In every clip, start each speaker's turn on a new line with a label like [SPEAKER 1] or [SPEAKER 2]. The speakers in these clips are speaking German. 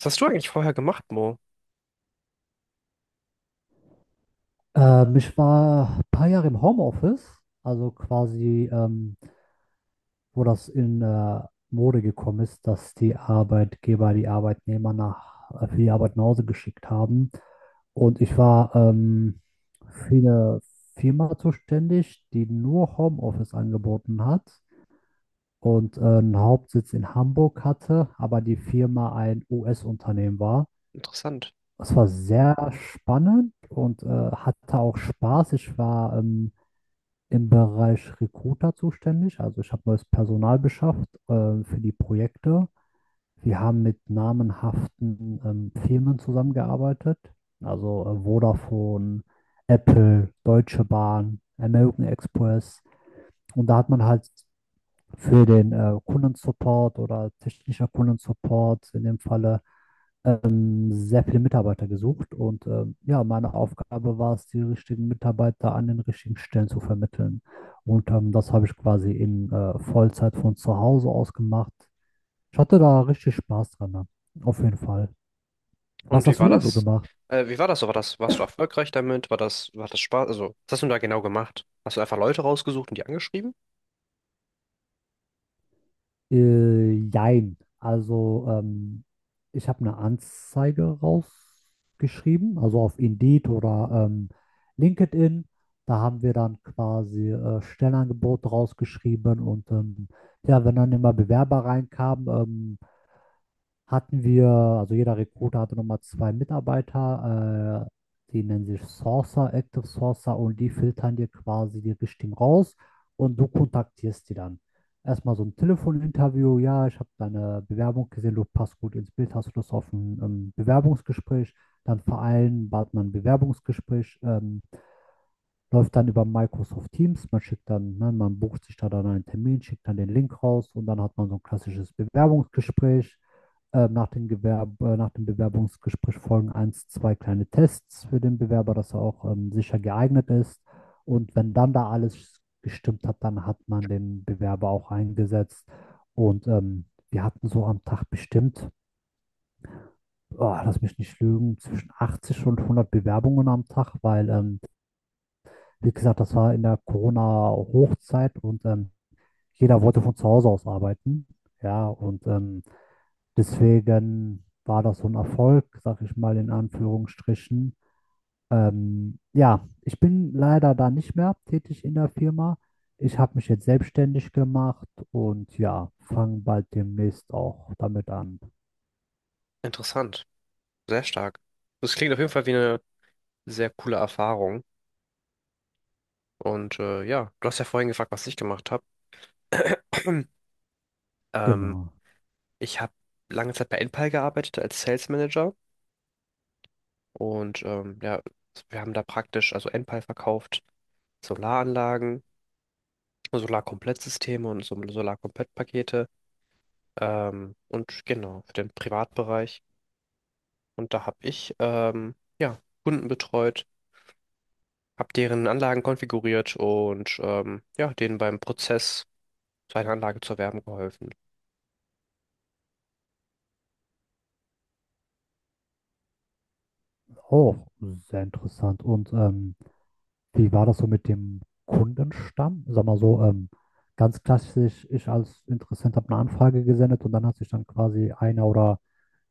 [SPEAKER 1] Was hast du eigentlich vorher gemacht, Mo?
[SPEAKER 2] Ich war ein paar Jahre im Homeoffice, also quasi, wo das in Mode gekommen ist, dass die Arbeitgeber die Arbeitnehmer nach, für die Arbeit nach Hause geschickt haben. Und ich war für eine Firma zuständig, die nur Homeoffice angeboten hat und einen Hauptsitz in Hamburg hatte, aber die Firma ein US-Unternehmen war.
[SPEAKER 1] Interessant.
[SPEAKER 2] Es war sehr spannend und hatte auch Spaß. Ich war im Bereich Recruiter zuständig. Also ich habe neues Personal beschafft, für die Projekte. Wir haben mit namenhaften Firmen zusammengearbeitet, also Vodafone, Apple, Deutsche Bahn, American Express. Und da hat man halt für den Kundensupport oder technischer Kundensupport in dem Falle sehr viele Mitarbeiter gesucht und ja, meine Aufgabe war es, die richtigen Mitarbeiter an den richtigen Stellen zu vermitteln. Und das habe ich quasi in Vollzeit von zu Hause aus gemacht. Ich hatte da richtig Spaß dran, ne? Auf jeden Fall. Was
[SPEAKER 1] Und wie
[SPEAKER 2] hast
[SPEAKER 1] war
[SPEAKER 2] du da so
[SPEAKER 1] das?
[SPEAKER 2] gemacht?
[SPEAKER 1] Wie war das so? War das, warst du erfolgreich damit? War das Spaß? Also, was hast du da genau gemacht? Hast du einfach Leute rausgesucht und die angeschrieben?
[SPEAKER 2] Jein. Also, ich habe eine Anzeige rausgeschrieben, also auf Indeed oder LinkedIn. Da haben wir dann quasi Stellenangebote rausgeschrieben und ja, wenn dann immer Bewerber reinkamen, hatten wir, also jeder Recruiter hatte nochmal zwei Mitarbeiter, die nennen sich Sourcer, Active Sourcer, und die filtern dir quasi die Richtigen raus und du kontaktierst die dann. Erstmal so ein Telefoninterview, ja, ich habe deine Bewerbung gesehen, du passt gut ins Bild, hast du Lust auf ein Bewerbungsgespräch? Dann vereinbart man ein Bewerbungsgespräch, läuft dann über Microsoft Teams, man schickt dann, ne, man bucht sich da dann einen Termin, schickt dann den Link raus und dann hat man so ein klassisches Bewerbungsgespräch. Nach, den Gewerb Nach dem Bewerbungsgespräch folgen eins, zwei kleine Tests für den Bewerber, dass er auch sicher geeignet ist. Und wenn dann da alles gestimmt hat, dann hat man den Bewerber auch eingesetzt. Und wir hatten so am Tag bestimmt, oh, lass mich nicht lügen, zwischen 80 und 100 Bewerbungen am Tag, weil, wie gesagt, das war in der Corona-Hochzeit und jeder wollte von zu Hause aus arbeiten. Ja, und deswegen war das so ein Erfolg, sag ich mal in Anführungsstrichen. Ja, ich bin leider da nicht mehr tätig in der Firma. Ich habe mich jetzt selbstständig gemacht und ja, fange bald demnächst auch damit an.
[SPEAKER 1] Interessant. Sehr stark. Das klingt auf jeden Fall wie eine sehr coole Erfahrung. Und ja, du hast ja vorhin gefragt, was ich gemacht habe. Ähm,
[SPEAKER 2] Genau.
[SPEAKER 1] Ich habe lange Zeit bei Enpal gearbeitet als Sales Manager und ja, wir haben da praktisch, also Enpal verkauft Solaranlagen, Solarkomplettsysteme und so Solarkomplettpakete. Und genau, für den Privatbereich. Und da habe ich ja, Kunden betreut, habe deren Anlagen konfiguriert und ja, denen beim Prozess, seine Anlage zu erwerben, geholfen.
[SPEAKER 2] Oh, sehr interessant. Und wie war das so mit dem Kundenstamm? Sag mal so, ganz klassisch, ich als Interessent habe eine Anfrage gesendet und dann hat sich dann quasi einer oder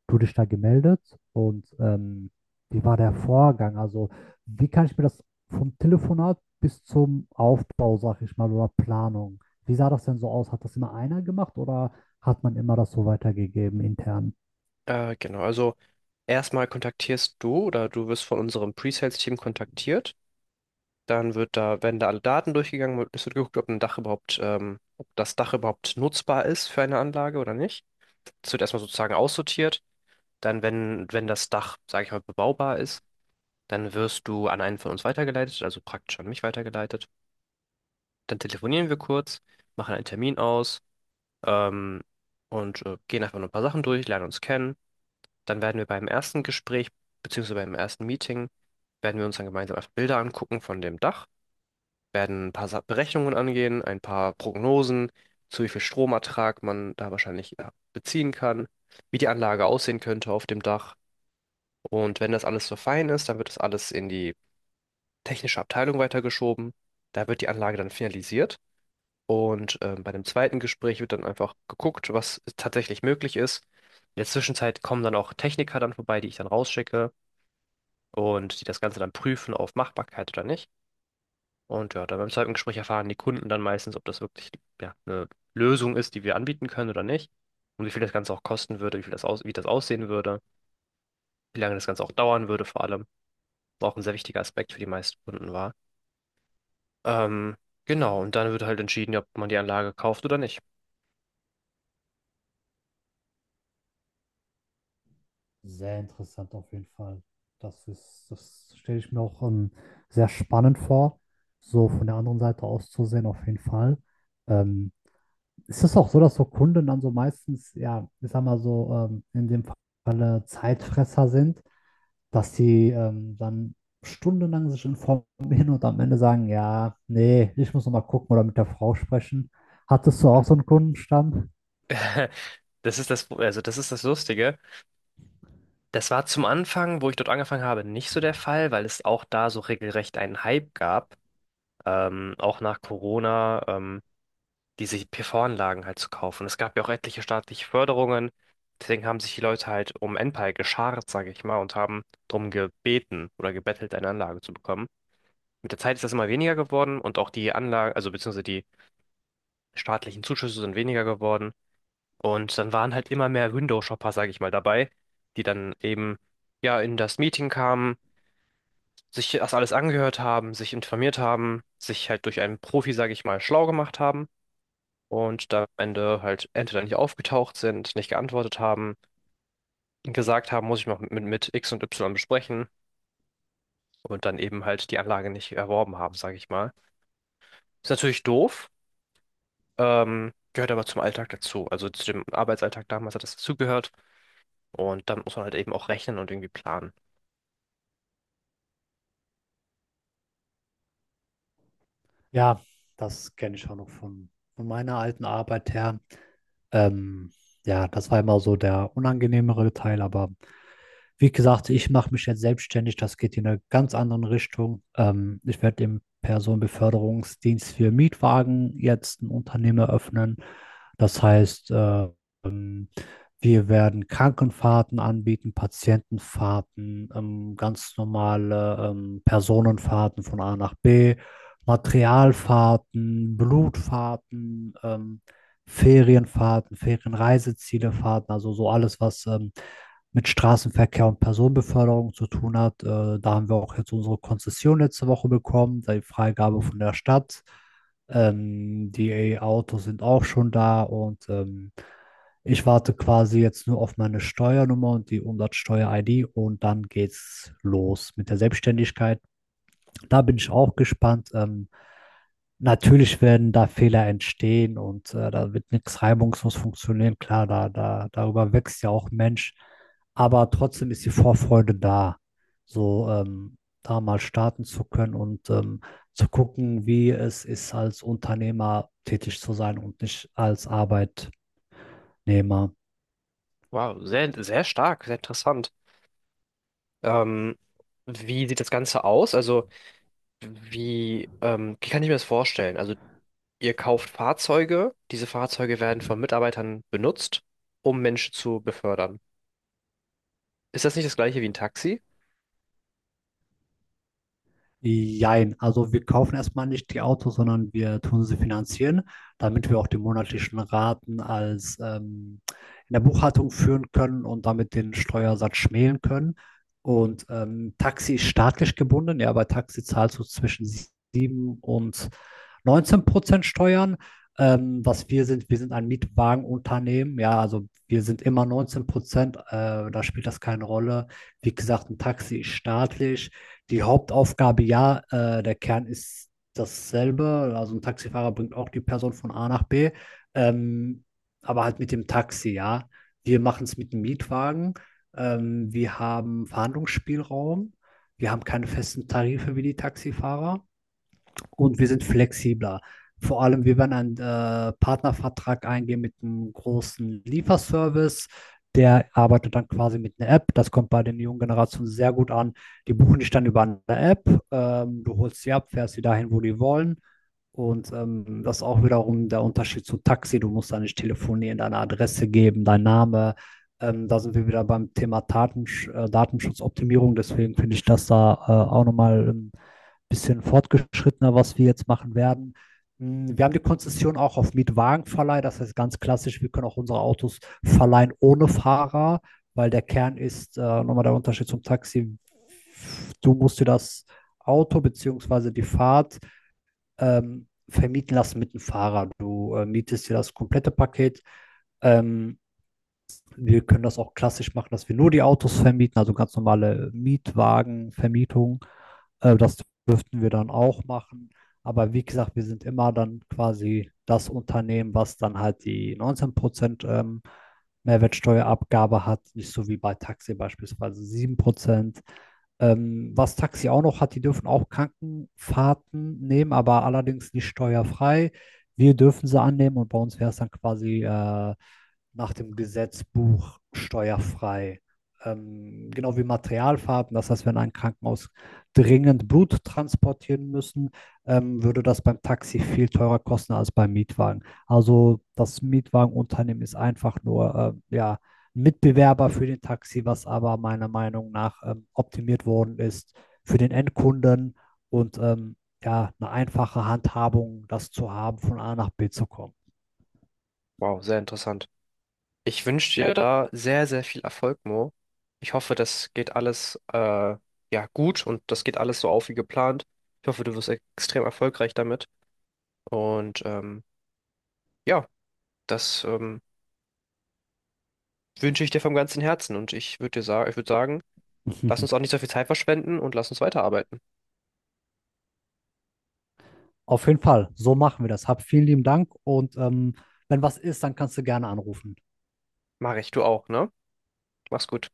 [SPEAKER 2] du dich da gemeldet, und wie war der Vorgang? Also, wie kann ich mir das vom Telefonat bis zum Aufbau, sag ich mal, oder Planung, wie sah das denn so aus? Hat das immer einer gemacht oder hat man immer das so weitergegeben intern?
[SPEAKER 1] Genau, also erstmal kontaktierst du oder du wirst von unserem Pre-Sales-Team kontaktiert. Dann wird da, werden da alle Daten durchgegangen, es wird geguckt, ob ein Dach überhaupt, ob das Dach überhaupt nutzbar ist für eine Anlage oder nicht. Es wird erstmal sozusagen aussortiert. Dann, wenn das Dach, sage ich mal, bebaubar ist, dann wirst du an einen von uns weitergeleitet, also praktisch an mich weitergeleitet. Dann telefonieren wir kurz, machen einen Termin aus, ähm, und gehen einfach nur ein paar Sachen durch, lernen uns kennen. Dann werden wir beim ersten Gespräch, beziehungsweise beim ersten Meeting, werden wir uns dann gemeinsam einfach Bilder angucken von dem Dach, werden ein paar Berechnungen angehen, ein paar Prognosen, zu wie viel Stromertrag man da wahrscheinlich, ja, beziehen kann, wie die Anlage aussehen könnte auf dem Dach. Und wenn das alles so fein ist, dann wird das alles in die technische Abteilung weitergeschoben. Da wird die Anlage dann finalisiert. Und bei dem zweiten Gespräch wird dann einfach geguckt, was tatsächlich möglich ist. In der Zwischenzeit kommen dann auch Techniker dann vorbei, die ich dann rausschicke und die das Ganze dann prüfen auf Machbarkeit oder nicht. Und ja, dann beim zweiten Gespräch erfahren die Kunden dann meistens, ob das wirklich, ja, eine Lösung ist, die wir anbieten können oder nicht. Und wie viel das Ganze auch kosten würde, wie viel das aus, wie das aussehen würde, wie lange das Ganze auch dauern würde vor allem. Auch ein sehr wichtiger Aspekt für die meisten Kunden war. Ähm, genau, und dann wird halt entschieden, ob man die Anlage kauft oder nicht.
[SPEAKER 2] Sehr interessant auf jeden Fall. Das ist, das stelle ich mir auch sehr spannend vor, so von der anderen Seite aus zu sehen, auf jeden Fall. Ähm, Ist es auch so, dass so Kunden dann so meistens, ja, ich sag mal so, in dem Falle Zeitfresser sind, dass die dann stundenlang sich informieren und am Ende sagen, ja, nee, ich muss noch mal gucken oder mit der Frau sprechen. Hattest du auch so einen Kundenstamm?
[SPEAKER 1] Das ist das, also das ist das Lustige. Das war zum Anfang, wo ich dort angefangen habe, nicht so der Fall, weil es auch da so regelrecht einen Hype gab, auch nach Corona, diese PV-Anlagen halt zu kaufen. Es gab ja auch etliche staatliche Förderungen, deswegen haben sich die Leute halt um Enpal geschart, sage ich mal, und haben drum gebeten oder gebettelt, eine Anlage zu bekommen. Mit der Zeit ist das immer weniger geworden und auch die Anlage, also beziehungsweise die staatlichen Zuschüsse sind weniger geworden. Und dann waren halt immer mehr Window-Shopper, sage ich mal, dabei, die dann eben ja in das Meeting kamen, sich das alles angehört haben, sich informiert haben, sich halt durch einen Profi, sage ich mal, schlau gemacht haben und da am Ende halt entweder nicht aufgetaucht sind, nicht geantwortet haben, gesagt haben, muss ich noch mit X und Y besprechen und dann eben halt die Anlage nicht erworben haben, sage ich mal. Ist natürlich doof, gehört aber zum Alltag dazu. Also zu dem Arbeitsalltag damals hat das dazugehört. Und damit muss man halt eben auch rechnen und irgendwie planen.
[SPEAKER 2] Ja, das kenne ich auch noch von meiner alten Arbeit her. Ähm, ja, das war immer so der unangenehmere Teil, aber wie gesagt, ich mache mich jetzt selbstständig. Das geht in eine ganz andere Richtung. Ich werde im Personenbeförderungsdienst für Mietwagen jetzt ein Unternehmen eröffnen. Das heißt, ähm, wir werden Krankenfahrten anbieten, Patientenfahrten, ganz normale Personenfahrten von A nach B, Materialfahrten, Blutfahrten, Ferienfahrten, Ferienreisezielefahrten, also so alles, was mit Straßenverkehr und Personenbeförderung zu tun hat. Da haben wir auch jetzt unsere Konzession letzte Woche bekommen, die Freigabe von der Stadt. Die autos sind auch schon da und ich warte quasi jetzt nur auf meine Steuernummer und die Umsatzsteuer-ID, und dann geht's los mit der Selbstständigkeit. Da bin ich auch gespannt. Natürlich werden da Fehler entstehen und da wird nichts reibungslos funktionieren. Klar, darüber wächst ja auch ein Mensch. Aber trotzdem ist die Vorfreude da, so da mal starten zu können und zu gucken, wie es ist, als Unternehmer tätig zu sein und nicht als Arbeitnehmer.
[SPEAKER 1] Wow, sehr, sehr stark, sehr interessant. Ähm, Wie sieht das Ganze aus? Also, wie, wie kann ich mir das vorstellen? Also, ihr kauft Fahrzeuge, diese Fahrzeuge werden von Mitarbeitern benutzt, um Menschen zu befördern. Ist das nicht das gleiche wie ein Taxi?
[SPEAKER 2] Jein, also wir kaufen erstmal nicht die Autos, sondern wir tun sie finanzieren, damit wir auch die monatlichen Raten als, in der Buchhaltung führen können und damit den Steuersatz schmälen können. Und Taxi ist staatlich gebunden, ja, bei Taxi zahlst du zwischen 7 und 19% Steuern. Was wir sind ein Mietwagenunternehmen, ja, also wir sind immer 19%, da spielt das keine Rolle. Wie gesagt, ein Taxi ist staatlich, die Hauptaufgabe, ja, der Kern ist dasselbe. Also ein Taxifahrer bringt auch die Person von A nach B, ähm, aber halt mit dem Taxi, ja. Wir machen es mit dem Mietwagen. Wir haben Verhandlungsspielraum. Wir haben keine festen Tarife wie die Taxifahrer und wir sind flexibler. Vor allem, wir werden einen Partnervertrag eingehen mit einem großen Lieferservice. Der arbeitet dann quasi mit einer App. Das kommt bei den jungen Generationen sehr gut an. Die buchen dich dann über eine App. Du holst sie ab, fährst sie dahin, wo die wollen. Und das ist auch wiederum der Unterschied zu Taxi. Du musst da nicht telefonieren, deine Adresse geben, dein Name. Da sind wir wieder beim Thema Datenschutzoptimierung. Deswegen finde ich das da auch nochmal bisschen fortgeschrittener, was wir jetzt machen werden. Wir haben die Konzession auch auf Mietwagenverleih, das heißt ganz klassisch, wir können auch unsere Autos verleihen ohne Fahrer, weil der Kern ist, nochmal der Unterschied zum Taxi, du musst dir das Auto bzw. die Fahrt vermieten lassen mit dem Fahrer. Du mietest dir das komplette Paket. Ähm, Wir können das auch klassisch machen, dass wir nur die Autos vermieten, also ganz normale Mietwagenvermietung. Das dürften wir dann auch machen. Aber wie gesagt, wir sind immer dann quasi das Unternehmen, was dann halt die 19% Mehrwertsteuerabgabe hat, nicht so wie bei Taxi beispielsweise 7%. Was Taxi auch noch hat, die dürfen auch Krankenfahrten nehmen, aber allerdings nicht steuerfrei. Wir dürfen sie annehmen und bei uns wäre es dann quasi nach dem Gesetzbuch steuerfrei. Genau wie Materialfarben. Das heißt, wenn ein Krankenhaus dringend Blut transportieren müssen, würde das beim Taxi viel teurer kosten als beim Mietwagen. Also das Mietwagenunternehmen ist einfach nur ja, Mitbewerber für den Taxi, was aber meiner Meinung nach optimiert worden ist für den Endkunden und ja, eine einfache Handhabung, das zu haben, von A nach B zu kommen.
[SPEAKER 1] Wow, sehr interessant. Ich wünsche dir, ja, da sehr, sehr viel Erfolg, Mo. Ich hoffe, das geht alles ja gut und das geht alles so auf wie geplant. Ich hoffe, du wirst extrem erfolgreich damit. Und ja, das wünsche ich dir vom ganzen Herzen und ich würde dir sagen, ich würde sagen, lass uns auch nicht so viel Zeit verschwenden und lass uns weiterarbeiten.
[SPEAKER 2] Auf jeden Fall, so machen wir das. Hab vielen lieben Dank und wenn was ist, dann kannst du gerne anrufen.
[SPEAKER 1] Mach ich, du auch, ne? Mach's gut.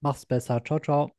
[SPEAKER 2] Mach's besser. Ciao, ciao.